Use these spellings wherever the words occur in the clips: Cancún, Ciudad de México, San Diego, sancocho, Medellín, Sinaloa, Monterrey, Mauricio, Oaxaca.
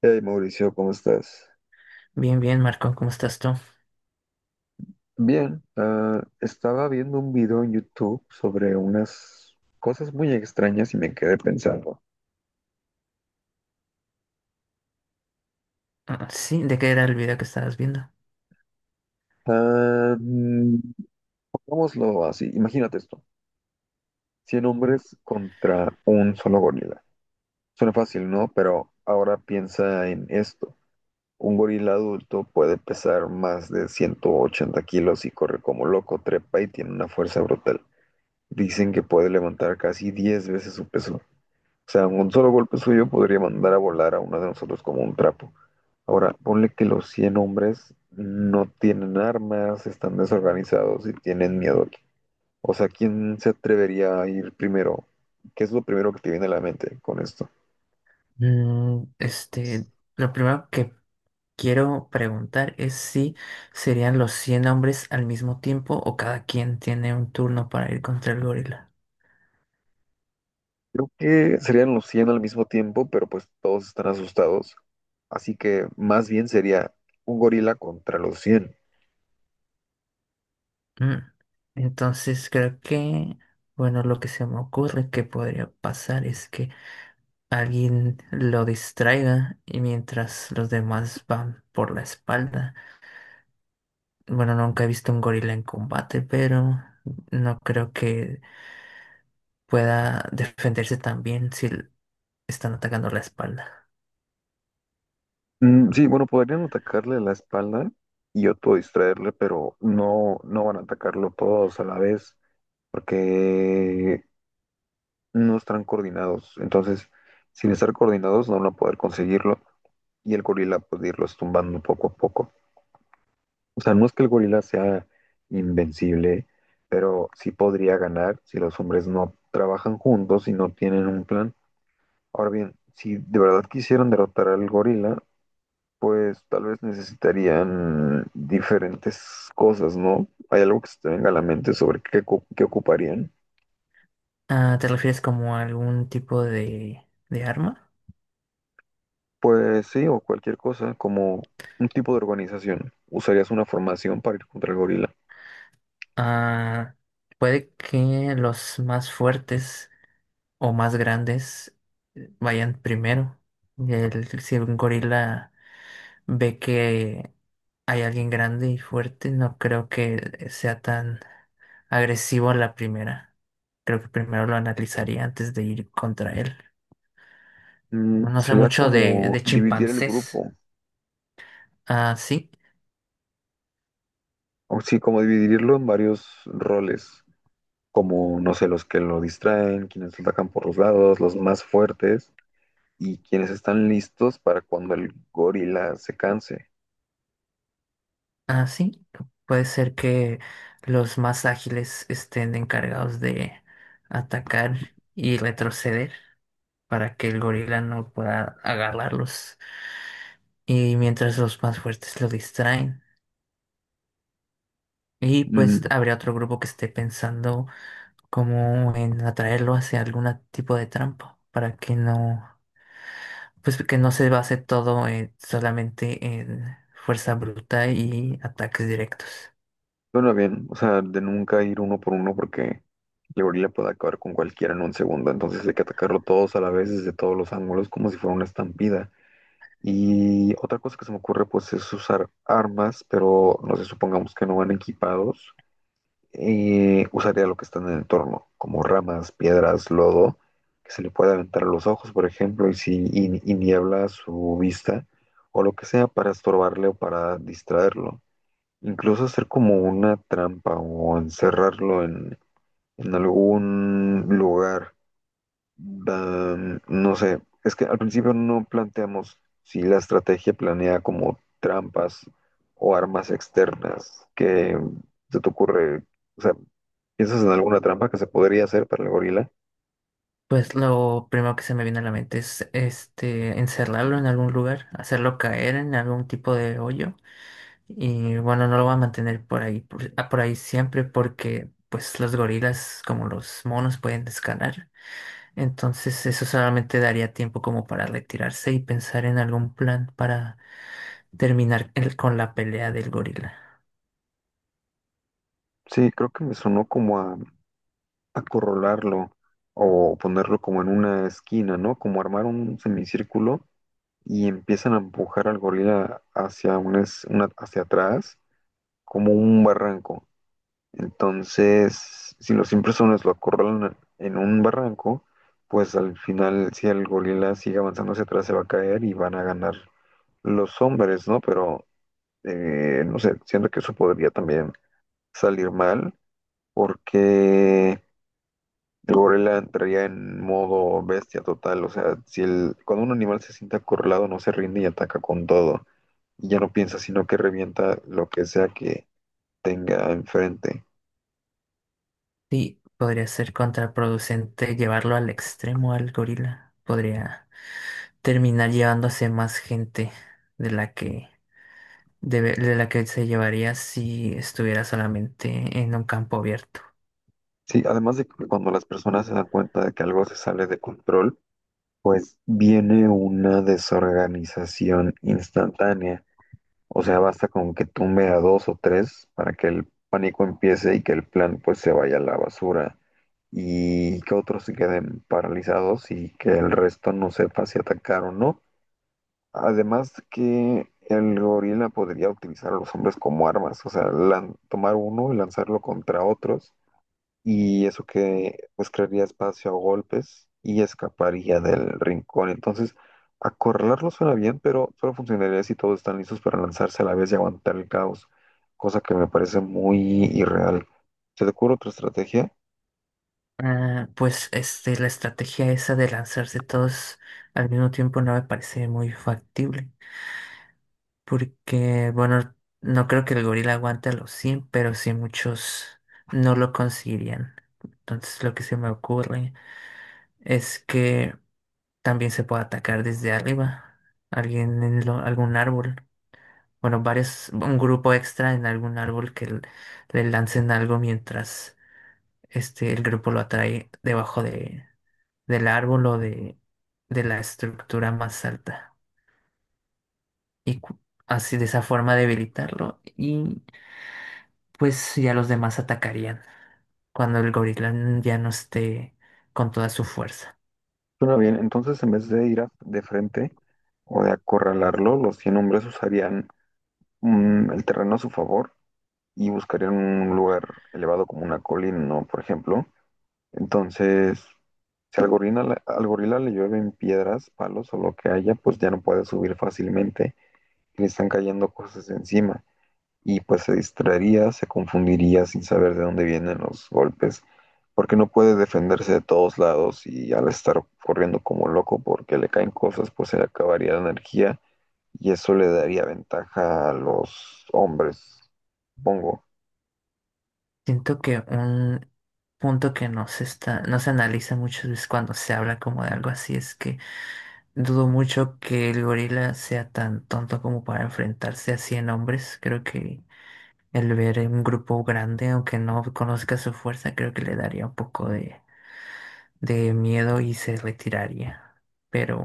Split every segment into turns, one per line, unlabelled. Hey Mauricio, ¿cómo estás?
Bien, bien, Marco, ¿cómo estás tú?
Bien, estaba viendo un video en YouTube sobre unas cosas muy extrañas y me quedé pensando.
Ah, sí, ¿de qué era el video que estabas viendo?
Ah, mm, Pongámoslo así, imagínate esto, 100 hombres contra un solo gorila. Suena fácil, ¿no? Pero ahora piensa en esto. Un gorila adulto puede pesar más de 180 kilos y corre como loco, trepa y tiene una fuerza brutal. Dicen que puede levantar casi 10 veces su peso. O sea, un solo golpe suyo podría mandar a volar a uno de nosotros como un trapo. Ahora, ponle que los 100 hombres no tienen armas, están desorganizados y tienen miedo aquí. O sea, ¿quién se atrevería a ir primero? ¿Qué es lo primero que te viene a la mente con esto?
Mm, este, lo primero que quiero preguntar es si serían los 100 hombres al mismo tiempo o cada quien tiene un turno para ir contra el gorila.
Creo que serían los 100 al mismo tiempo, pero pues todos están asustados. Así que más bien sería un gorila contra los 100.
Mm, Entonces creo que, bueno, lo que se me ocurre que podría pasar es que alguien lo distraiga y mientras los demás van por la espalda. Bueno, nunca he visto un gorila en combate, pero no creo que pueda defenderse tan bien si l- están atacando la espalda.
Mm, sí, bueno, podrían atacarle la espalda y otro distraerle, pero no, no van a atacarlo todos a la vez porque no están coordinados. Entonces, sin estar coordinados, no van a poder conseguirlo y el gorila puede irlos tumbando poco a poco. O sea, no es que el gorila sea invencible, pero sí podría ganar si los hombres no trabajan juntos y no tienen un plan. Ahora bien, si de verdad quisieran derrotar al gorila, pues tal vez necesitarían diferentes cosas, ¿no? ¿Hay algo que se te venga a la mente sobre qué, qué ocuparían?
Ah, ¿te refieres como a algún tipo de arma?
Pues sí, o cualquier cosa, como un tipo de organización. ¿Usarías una formación para ir contra el gorila?
Ah, puede que los más fuertes o más grandes vayan primero. Si un gorila ve que hay alguien grande y fuerte, no creo que sea tan agresivo a la primera. Creo que primero lo analizaría antes de ir contra él. No sé
Sería
mucho de,
como
de
dividir el
chimpancés.
grupo,
Ah, sí,
o sí, como dividirlo en varios roles, como, no sé, los que lo distraen, quienes lo atacan por los lados, los más fuertes, y quienes están listos para cuando el gorila se canse.
ah, sí. Puede ser que los más ágiles estén encargados de atacar y retroceder para que el gorila no pueda agarrarlos. Y mientras los más fuertes lo distraen. Y pues
Mm,
habría otro grupo que esté pensando, como en atraerlo hacia algún tipo de trampa para que no, pues que no se base todo solamente en fuerza bruta y ataques directos.
Bueno, bien, o sea, de nunca ir uno por uno porque el gorila puede acabar con cualquiera en un segundo, entonces hay que atacarlo todos a la vez desde todos los ángulos como si fuera una estampida. Y otra cosa que se me ocurre pues es usar armas, pero no sé, supongamos que no van equipados, usaría lo que está en el entorno, como ramas, piedras, lodo, que se le puede aventar a los ojos, por ejemplo, y si y niebla su vista o lo que sea para estorbarle o para distraerlo. Incluso hacer como una trampa o encerrarlo en algún lugar. No sé, es que al principio no planteamos si la estrategia planea como trampas o armas externas. ¿Qué se te ocurre? O sea, ¿piensas en alguna trampa que se podría hacer para el gorila?
Pues lo primero que se me viene a la mente es encerrarlo en algún lugar, hacerlo caer en algún tipo de hoyo y bueno, no lo va a mantener por ahí por ahí siempre porque pues los gorilas como los monos pueden escalar. Entonces eso solamente daría tiempo como para retirarse y pensar en algún plan para con la pelea del gorila.
Sí, creo que me sonó como a acorralarlo o ponerlo como en una esquina, ¿no? Como armar un semicírculo y empiezan a empujar al gorila hacia, una, es- una- hacia atrás, como un barranco. Entonces, si los impresores lo acorralan en un barranco, pues al final, si el gorila sigue avanzando hacia atrás, se va a caer y van a ganar los hombres, ¿no? Pero, no sé, siento que eso podría también salir mal, porque el gorila entraría en modo bestia total. O sea, si el, cuando un animal se siente acorralado, no se rinde y ataca con todo. Y ya no piensa, sino que revienta lo que sea que tenga enfrente.
Sí, podría ser contraproducente llevarlo al extremo al gorila. Podría terminar llevándose más gente de la que de la que se llevaría si estuviera solamente en un campo abierto.
Sí, además de que cuando las personas se dan cuenta de que algo se sale de control, pues viene una desorganización instantánea. O sea, basta con que tumbe a dos o tres para que el pánico empiece y que el plan pues se vaya a la basura y que otros se queden paralizados y que el resto no sepa si atacar o no. Además que el gorila podría utilizar a los hombres como armas, o sea, tomar uno y lanzarlo contra otros, y eso que pues crearía espacio a golpes y escaparía del rincón. Entonces, acorralarlo suena bien, pero solo funcionaría si todos están listos para lanzarse a la vez y aguantar el caos, cosa que me parece muy irreal. ¿Se te ocurre otra estrategia?
Ah, pues la estrategia esa de lanzarse todos al mismo tiempo no me parece muy factible. Porque, bueno, no creo que el gorila aguante a los 100, pero sí muchos no lo conseguirían. Entonces lo que se me ocurre es que también se puede atacar desde arriba. Algún árbol. Bueno, varios, un grupo extra en algún árbol que le lancen algo mientras el grupo lo atrae debajo de, del árbol o de la estructura más alta. Y cu- Así de esa forma debilitarlo, pues ya los demás atacarían cuando el gorila ya no esté con toda su fuerza.
Suena bien, entonces en vez de ir de frente o de acorralarlo, los 100 hombres usarían el terreno a su favor y buscarían un lugar elevado como una colina, ¿no? Por ejemplo. Entonces, si al gorila le llueven piedras, palos o lo que haya, pues ya no puede subir fácilmente y le están cayendo cosas encima. Y pues se distraería, se confundiría sin saber de dónde vienen los golpes, porque no puede defenderse de todos lados y al estar corriendo como loco porque le caen cosas, pues se le acabaría la energía y eso le daría ventaja a los hombres, supongo.
Siento que un punto que no se analiza muchas veces cuando se habla como de algo así, es que dudo mucho que el gorila sea tan tonto como para enfrentarse a 100 hombres. Creo que el ver un grupo grande, aunque no conozca su fuerza, creo que le daría un poco de miedo y se retiraría. Pero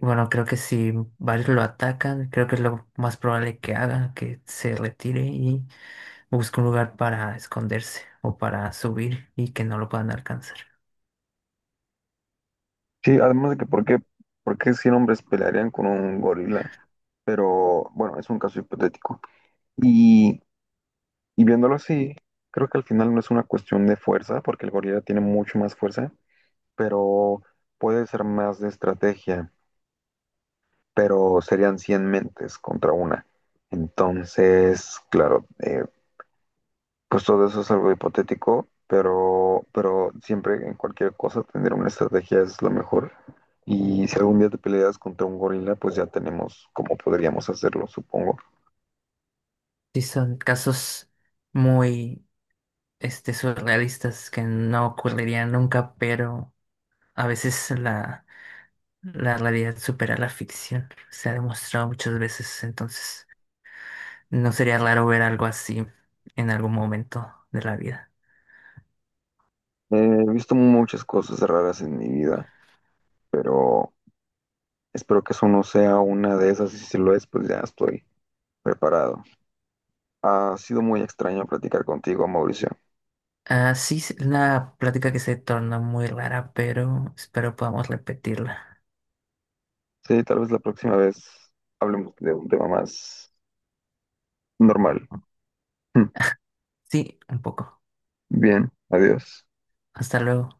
bueno, creo que si varios lo atacan, creo que es lo más probable que haga, que se retire y busque un lugar para esconderse o para subir y que no lo puedan alcanzar.
Sí, además de que, ¿por qué 100 hombres pelearían con un gorila? Pero bueno, es un caso hipotético. Y, y viéndolo así, creo que al final no es una cuestión de fuerza, porque el gorila tiene mucho más fuerza, pero puede ser más de estrategia, pero serían 100 mentes contra una. Entonces, claro, pues todo eso es algo hipotético, pero siempre en cualquier cosa tener una estrategia es lo mejor. Y si algún día te peleas contra un gorila, pues ya tenemos cómo podríamos hacerlo, supongo.
Sí, son casos muy surrealistas, que no ocurrirían nunca, pero a veces la realidad supera la ficción. Se ha demostrado muchas veces, entonces no sería raro ver algo así en algún momento de la vida.
Eh, He visto muchas cosas raras en mi vida, pero espero que eso no sea una de esas y si lo es, pues ya estoy preparado. Ha sido muy extraño platicar contigo, Mauricio.
Ah, sí, es una plática que se torna muy rara, pero espero podamos repetirla.
Sí, tal vez la próxima vez hablemos de un tema más normal. Mm.
Sí, un poco.
Bien, adiós.
Hasta luego.